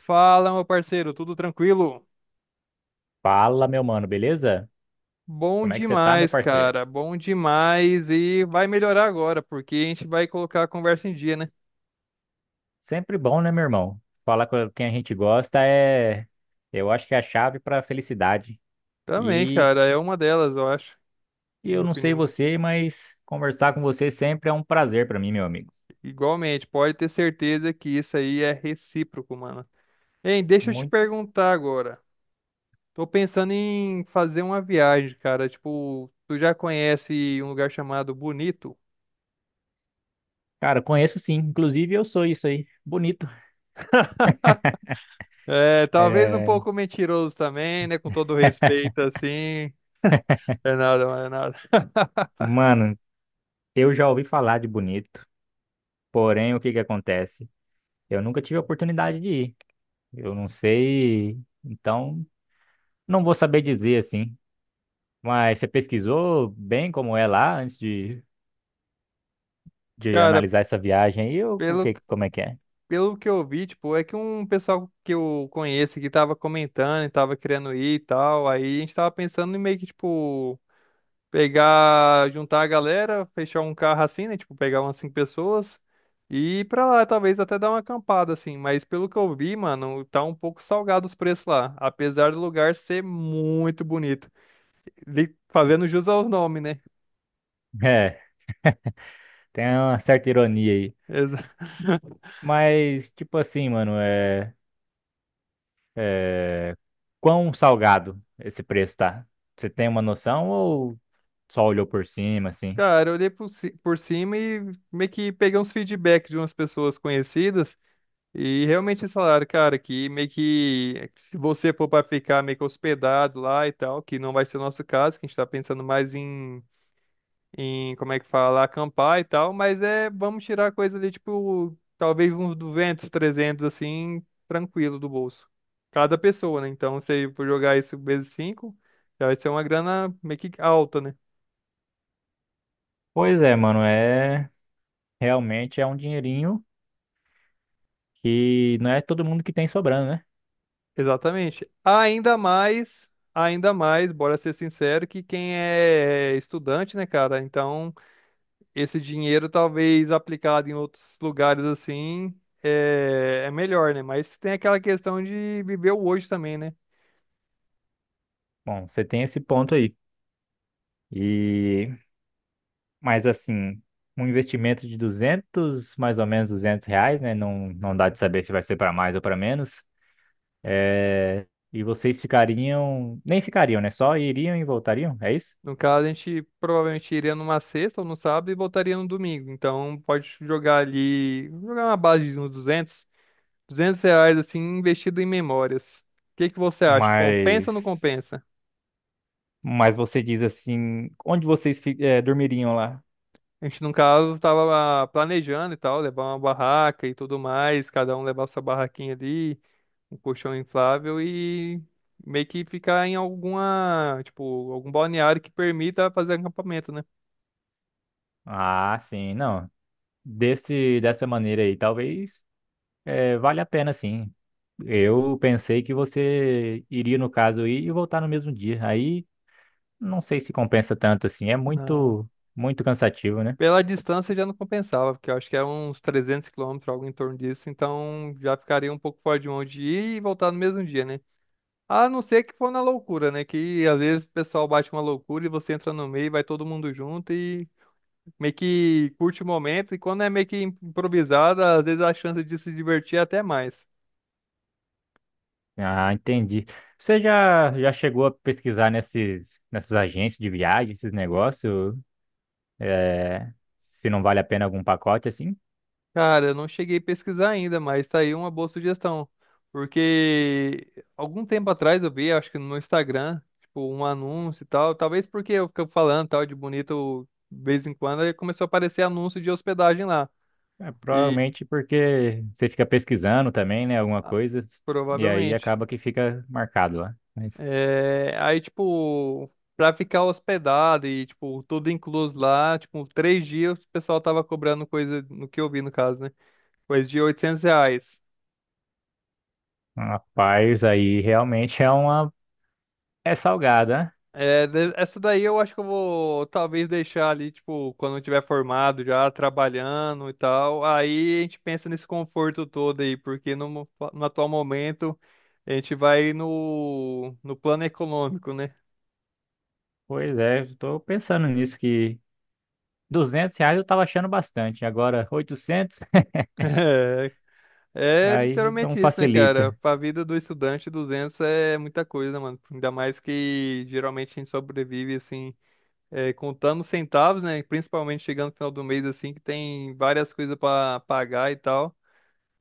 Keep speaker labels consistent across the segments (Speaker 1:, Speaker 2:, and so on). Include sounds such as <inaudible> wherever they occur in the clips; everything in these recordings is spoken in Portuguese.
Speaker 1: Fala, meu parceiro, tudo tranquilo?
Speaker 2: Fala, meu mano, beleza?
Speaker 1: Bom
Speaker 2: Como é que você tá, meu
Speaker 1: demais,
Speaker 2: parceiro?
Speaker 1: cara, bom demais e vai melhorar agora, porque a gente vai colocar a conversa em dia, né?
Speaker 2: Sempre bom, né, meu irmão? Falar com quem a gente gosta é, eu acho que é a chave pra felicidade.
Speaker 1: Também,
Speaker 2: E
Speaker 1: cara, é uma delas, eu acho,
Speaker 2: e eu
Speaker 1: minha
Speaker 2: não sei
Speaker 1: opinião.
Speaker 2: você, mas conversar com você sempre é um prazer pra mim, meu amigo.
Speaker 1: Igualmente, pode ter certeza que isso aí é recíproco, mano. Hein, deixa eu te
Speaker 2: Muito.
Speaker 1: perguntar agora. Tô pensando em fazer uma viagem, cara. Tipo, tu já conhece um lugar chamado Bonito?
Speaker 2: Cara, conheço sim, inclusive eu sou isso aí. Bonito.
Speaker 1: É, talvez um
Speaker 2: É.
Speaker 1: pouco mentiroso também, né? Com todo respeito,
Speaker 2: <laughs>
Speaker 1: assim. É nada, mano, é nada. <laughs>
Speaker 2: Mano, eu já ouvi falar de Bonito, porém o que que acontece? Eu nunca tive a oportunidade de ir. Eu não sei, então não vou saber dizer assim. Mas você pesquisou bem como é lá antes de
Speaker 1: Cara,
Speaker 2: analisar essa viagem aí, ou o
Speaker 1: pelo,
Speaker 2: que, como é que é?
Speaker 1: pelo que eu vi, tipo, é que um pessoal que eu conheço que tava comentando e tava querendo ir e tal, aí a gente tava pensando em meio que, tipo, pegar, juntar a galera, fechar um carro assim, né? Tipo, pegar umas cinco pessoas e ir pra lá, talvez até dar uma acampada, assim. Mas pelo que eu vi, mano, tá um pouco salgado os preços lá, apesar do lugar ser muito bonito. Fazendo jus ao nome, né?
Speaker 2: É, tem uma certa ironia aí.
Speaker 1: <laughs> Exato.
Speaker 2: Mas, tipo assim, mano, é... quão salgado esse preço tá? Você tem uma noção ou só olhou por cima, assim?
Speaker 1: Cara, eu olhei por cima e meio que peguei uns feedback de umas pessoas conhecidas e realmente eles falaram, cara, que meio que se você for para ficar meio que hospedado lá e tal, que não vai ser o nosso caso, que a gente tá pensando mais em como é que fala, acampar e tal, mas é, vamos tirar coisa ali, tipo, talvez uns 200, 300 assim, tranquilo do bolso. Cada pessoa, né? Então, se for jogar isso vezes 5 já vai ser uma grana meio que alta, né?
Speaker 2: Pois é, mano, realmente é um dinheirinho que não é todo mundo que tem sobrando, né?
Speaker 1: Exatamente. Ainda mais, bora ser sincero, que quem é estudante, né, cara? Então, esse dinheiro talvez aplicado em outros lugares assim é, é melhor, né? Mas tem aquela questão de viver o hoje também, né?
Speaker 2: Bom, você tem esse ponto aí. E... Mas assim, um investimento de 200 mais ou menos R$ 200, né? Não, não dá de saber se vai ser para mais ou para menos. É, e vocês ficariam, nem ficariam, né? Só iriam e voltariam, é isso?
Speaker 1: No caso, a gente provavelmente iria numa sexta ou no sábado e voltaria no domingo. Então, pode jogar ali, jogar uma base de uns duzentos reais, assim, investido em memórias. O que que você acha? Compensa
Speaker 2: Mas,
Speaker 1: ou não compensa?
Speaker 2: mas você diz assim, onde vocês dormiriam lá?
Speaker 1: A gente, no caso, tava planejando e tal, levar uma barraca e tudo mais, cada um levar sua barraquinha ali, um colchão inflável e meio que ficar em alguma, tipo, algum balneário que permita fazer acampamento, né?
Speaker 2: Ah, sim, não. Dessa maneira aí, talvez vale a pena, sim. Eu pensei que você iria, no caso, ir e voltar no mesmo dia. Aí não sei se compensa tanto assim. É
Speaker 1: Na-
Speaker 2: muito, muito cansativo, né?
Speaker 1: Pela distância já não compensava, porque eu acho que é uns 300 quilômetros, algo em torno disso, então já ficaria um pouco fora de mão de ir e voltar no mesmo dia, né? A não ser que for na loucura, né? Que às vezes o pessoal bate uma loucura e você entra no meio, vai todo mundo junto e meio que curte o momento, e quando é meio que improvisada, às vezes a chance de se divertir é até mais.
Speaker 2: Ah, entendi. Você já chegou a pesquisar nessas agências de viagem, esses negócios, é, se não vale a pena algum pacote assim?
Speaker 1: Cara, eu não cheguei a pesquisar ainda, mas tá aí uma boa sugestão. Porque algum tempo atrás eu vi, acho que no Instagram, tipo, um anúncio e tal, talvez porque eu fico falando tal de bonito de vez em quando, aí começou a aparecer anúncio de hospedagem lá.
Speaker 2: É,
Speaker 1: E
Speaker 2: provavelmente porque você fica pesquisando também, né? Alguma
Speaker 1: ah,
Speaker 2: coisa, e aí
Speaker 1: provavelmente.
Speaker 2: acaba que fica marcado lá. Mas,
Speaker 1: É, aí, tipo, pra ficar hospedado e, tipo, tudo incluso lá, tipo, 3 dias o pessoal tava cobrando coisa, no que eu vi no caso, né? Coisa de 800 reais.
Speaker 2: rapaz, aí realmente é uma. É salgada, né?
Speaker 1: É, de- essa daí eu acho que eu vou talvez deixar ali, tipo, quando eu tiver formado já, trabalhando e tal. Aí a gente pensa nesse conforto todo aí, porque no atual momento a gente vai no plano econômico, né?
Speaker 2: Pois é, estou pensando nisso que R$ 200 eu tava achando bastante, agora 800.
Speaker 1: <laughs> É
Speaker 2: Aí não
Speaker 1: literalmente isso, né, cara?
Speaker 2: facilita.
Speaker 1: Pra vida do estudante, 200 é muita coisa, mano. Ainda mais que geralmente a gente sobrevive, assim, contando centavos, né? Principalmente chegando no final do mês, assim, que tem várias coisas pra pagar e tal.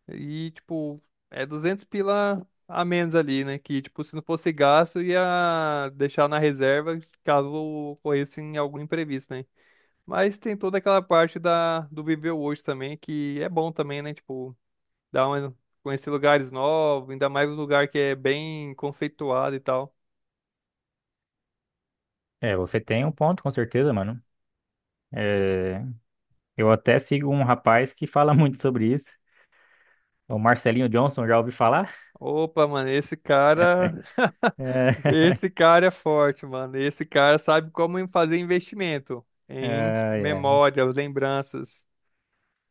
Speaker 1: E, tipo, é 200 pila a menos ali, né? Que, tipo, se não fosse gasto, ia deixar na reserva caso ocorresse em algum imprevisto, né? Mas tem toda aquela parte da, do viver hoje também, que é bom também, né? Tipo, Dá uma, conhecer lugares novos, ainda mais um lugar que é bem conceituado e tal.
Speaker 2: É, você tem um ponto, com certeza, mano. É, eu até sigo um rapaz que fala <laughs> muito sobre isso. O Marcelinho Johnson, já ouvi falar?
Speaker 1: Opa, mano, esse cara. <laughs>
Speaker 2: É.
Speaker 1: Esse cara é forte, mano. Esse cara sabe como em fazer investimento
Speaker 2: <laughs>
Speaker 1: em
Speaker 2: É, é.
Speaker 1: memórias, lembranças.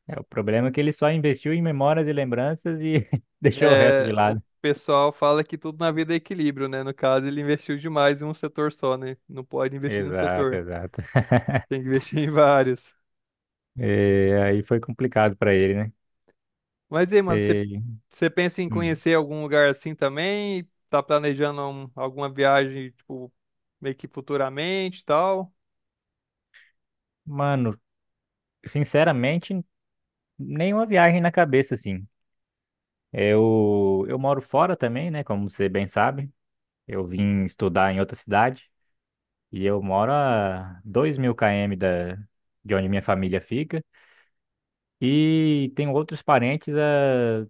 Speaker 2: É, o problema é que ele só investiu em memórias e lembranças e <laughs> deixou o resto de
Speaker 1: É, o
Speaker 2: lado.
Speaker 1: pessoal fala que tudo na vida é equilíbrio, né? No caso, ele investiu demais em um setor só, né? Não pode investir em um
Speaker 2: Exato,
Speaker 1: setor,
Speaker 2: exato. <laughs>
Speaker 1: tem que investir em vários.
Speaker 2: É, aí foi complicado pra ele, né?
Speaker 1: Mas e aí, mano, você
Speaker 2: É.
Speaker 1: você pensa em
Speaker 2: Hum.
Speaker 1: conhecer algum lugar assim também? Tá planejando alguma viagem, tipo, meio que futuramente e tal?
Speaker 2: Mano, sinceramente, nenhuma viagem na cabeça, assim. É, eu moro fora também, né? Como você bem sabe. Eu vim estudar em outra cidade e eu moro a 2 mil km de onde minha família fica. E tenho outros parentes,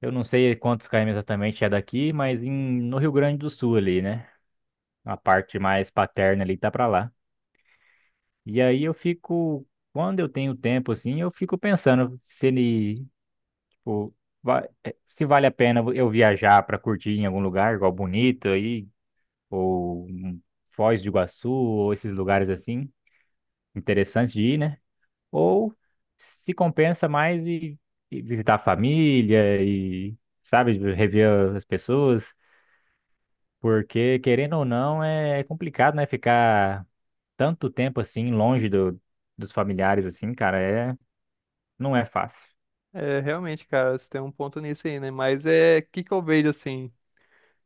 Speaker 2: eu não sei quantos km exatamente é daqui, mas no Rio Grande do Sul ali, né? A parte mais paterna ali tá pra lá. E aí eu fico, quando eu tenho tempo assim, eu fico pensando se ele, tipo, se vale a pena eu viajar pra curtir em algum lugar, igual Bonito aí, ou Foz do Iguaçu, ou esses lugares assim. Interessantes de ir, né? Ou se compensa mais e visitar a família e, sabe, rever as pessoas, porque querendo ou não é complicado, né? Ficar tanto tempo assim longe dos familiares assim, cara, não é fácil.
Speaker 1: É, realmente, cara, você tem um ponto nisso aí, né? Mas é, o que que eu vejo assim?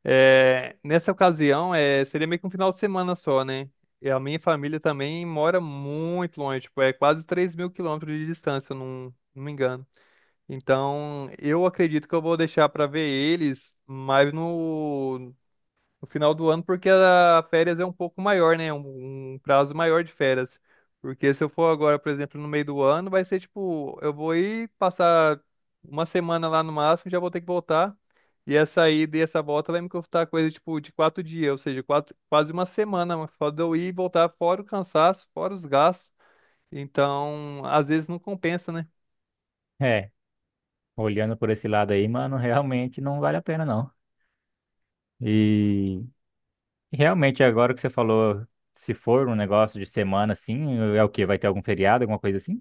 Speaker 1: É, nessa ocasião, é, seria meio que um final de semana só, né? E a minha família também mora muito longe, tipo, é quase 3 mil quilômetros de distância, eu não me engano. Então, eu acredito que eu vou deixar pra ver eles mais no final do ano, porque a férias é um pouco maior, né? Um prazo maior de férias. Porque se eu for agora, por exemplo, no meio do ano, vai ser tipo, eu vou ir passar uma semana lá no máximo, já vou ter que voltar. E essa ida e essa volta vai me custar coisa tipo de 4 dias, ou seja, quatro, quase uma semana, mas só de eu ir e voltar, fora o cansaço, fora os gastos. Então, às vezes não compensa, né?
Speaker 2: É, olhando por esse lado aí, mano, <laughs> realmente não vale a pena não. E realmente agora que você falou, se for um negócio de semana assim, é o quê? Vai ter algum feriado, alguma coisa assim?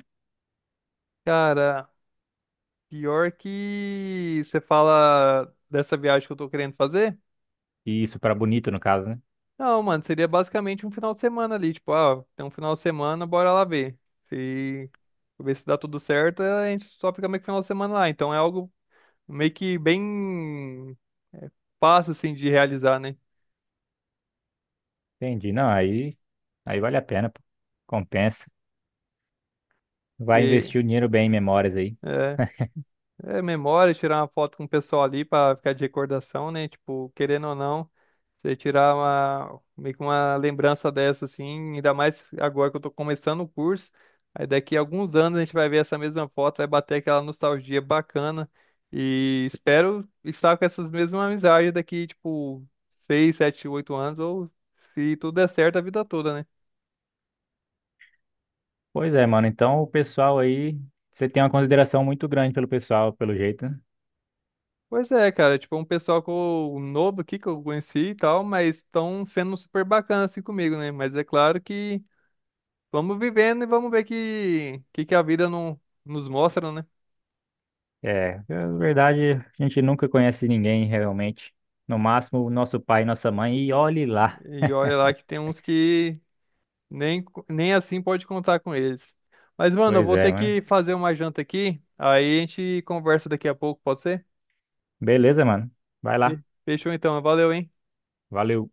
Speaker 1: Cara, pior que você fala dessa viagem que eu tô querendo fazer.
Speaker 2: E isso pra Bonito no caso, né?
Speaker 1: Não, mano, seria basicamente um final de semana ali, tipo, ah, tem um final de semana, bora lá ver. Se ver se dá tudo certo, a gente só fica meio que final de semana lá. Então é algo meio que bem é, fácil, assim, de realizar, né?
Speaker 2: Entendi. Não, aí vale a pena, pô. Compensa. Vai
Speaker 1: Porque,
Speaker 2: investir o dinheiro bem em memórias aí.
Speaker 1: é, É memória, tirar uma foto com o pessoal ali pra ficar de recordação, né? Tipo, querendo ou não, você tirar uma, meio que uma lembrança dessa, assim, ainda mais agora que eu tô começando o curso. Aí daqui a alguns anos a gente vai ver essa mesma foto, vai bater aquela nostalgia bacana. E espero estar com essas mesmas amizades daqui, tipo, 6, 7, 8 anos, ou se tudo der certo, a vida toda, né?
Speaker 2: Pois é, mano. Então o pessoal aí, você tem uma consideração muito grande pelo pessoal, pelo jeito, né?
Speaker 1: Pois é, cara, tipo, um pessoal que um novo aqui que eu conheci e tal, mas estão sendo super bacana assim comigo, né? Mas é claro que vamos vivendo e vamos ver que a vida não, nos mostra, né?
Speaker 2: É, na verdade, a gente nunca conhece ninguém realmente. No máximo, o nosso pai e nossa mãe, e olhe lá.
Speaker 1: E olha lá que tem uns que nem, nem assim pode contar com eles. Mas, mano, eu
Speaker 2: Pois
Speaker 1: vou
Speaker 2: é,
Speaker 1: ter
Speaker 2: mano.
Speaker 1: que fazer uma janta aqui, aí a gente conversa daqui a pouco, pode ser?
Speaker 2: Beleza, mano. Vai lá.
Speaker 1: Fechou então, valeu, hein?
Speaker 2: Valeu.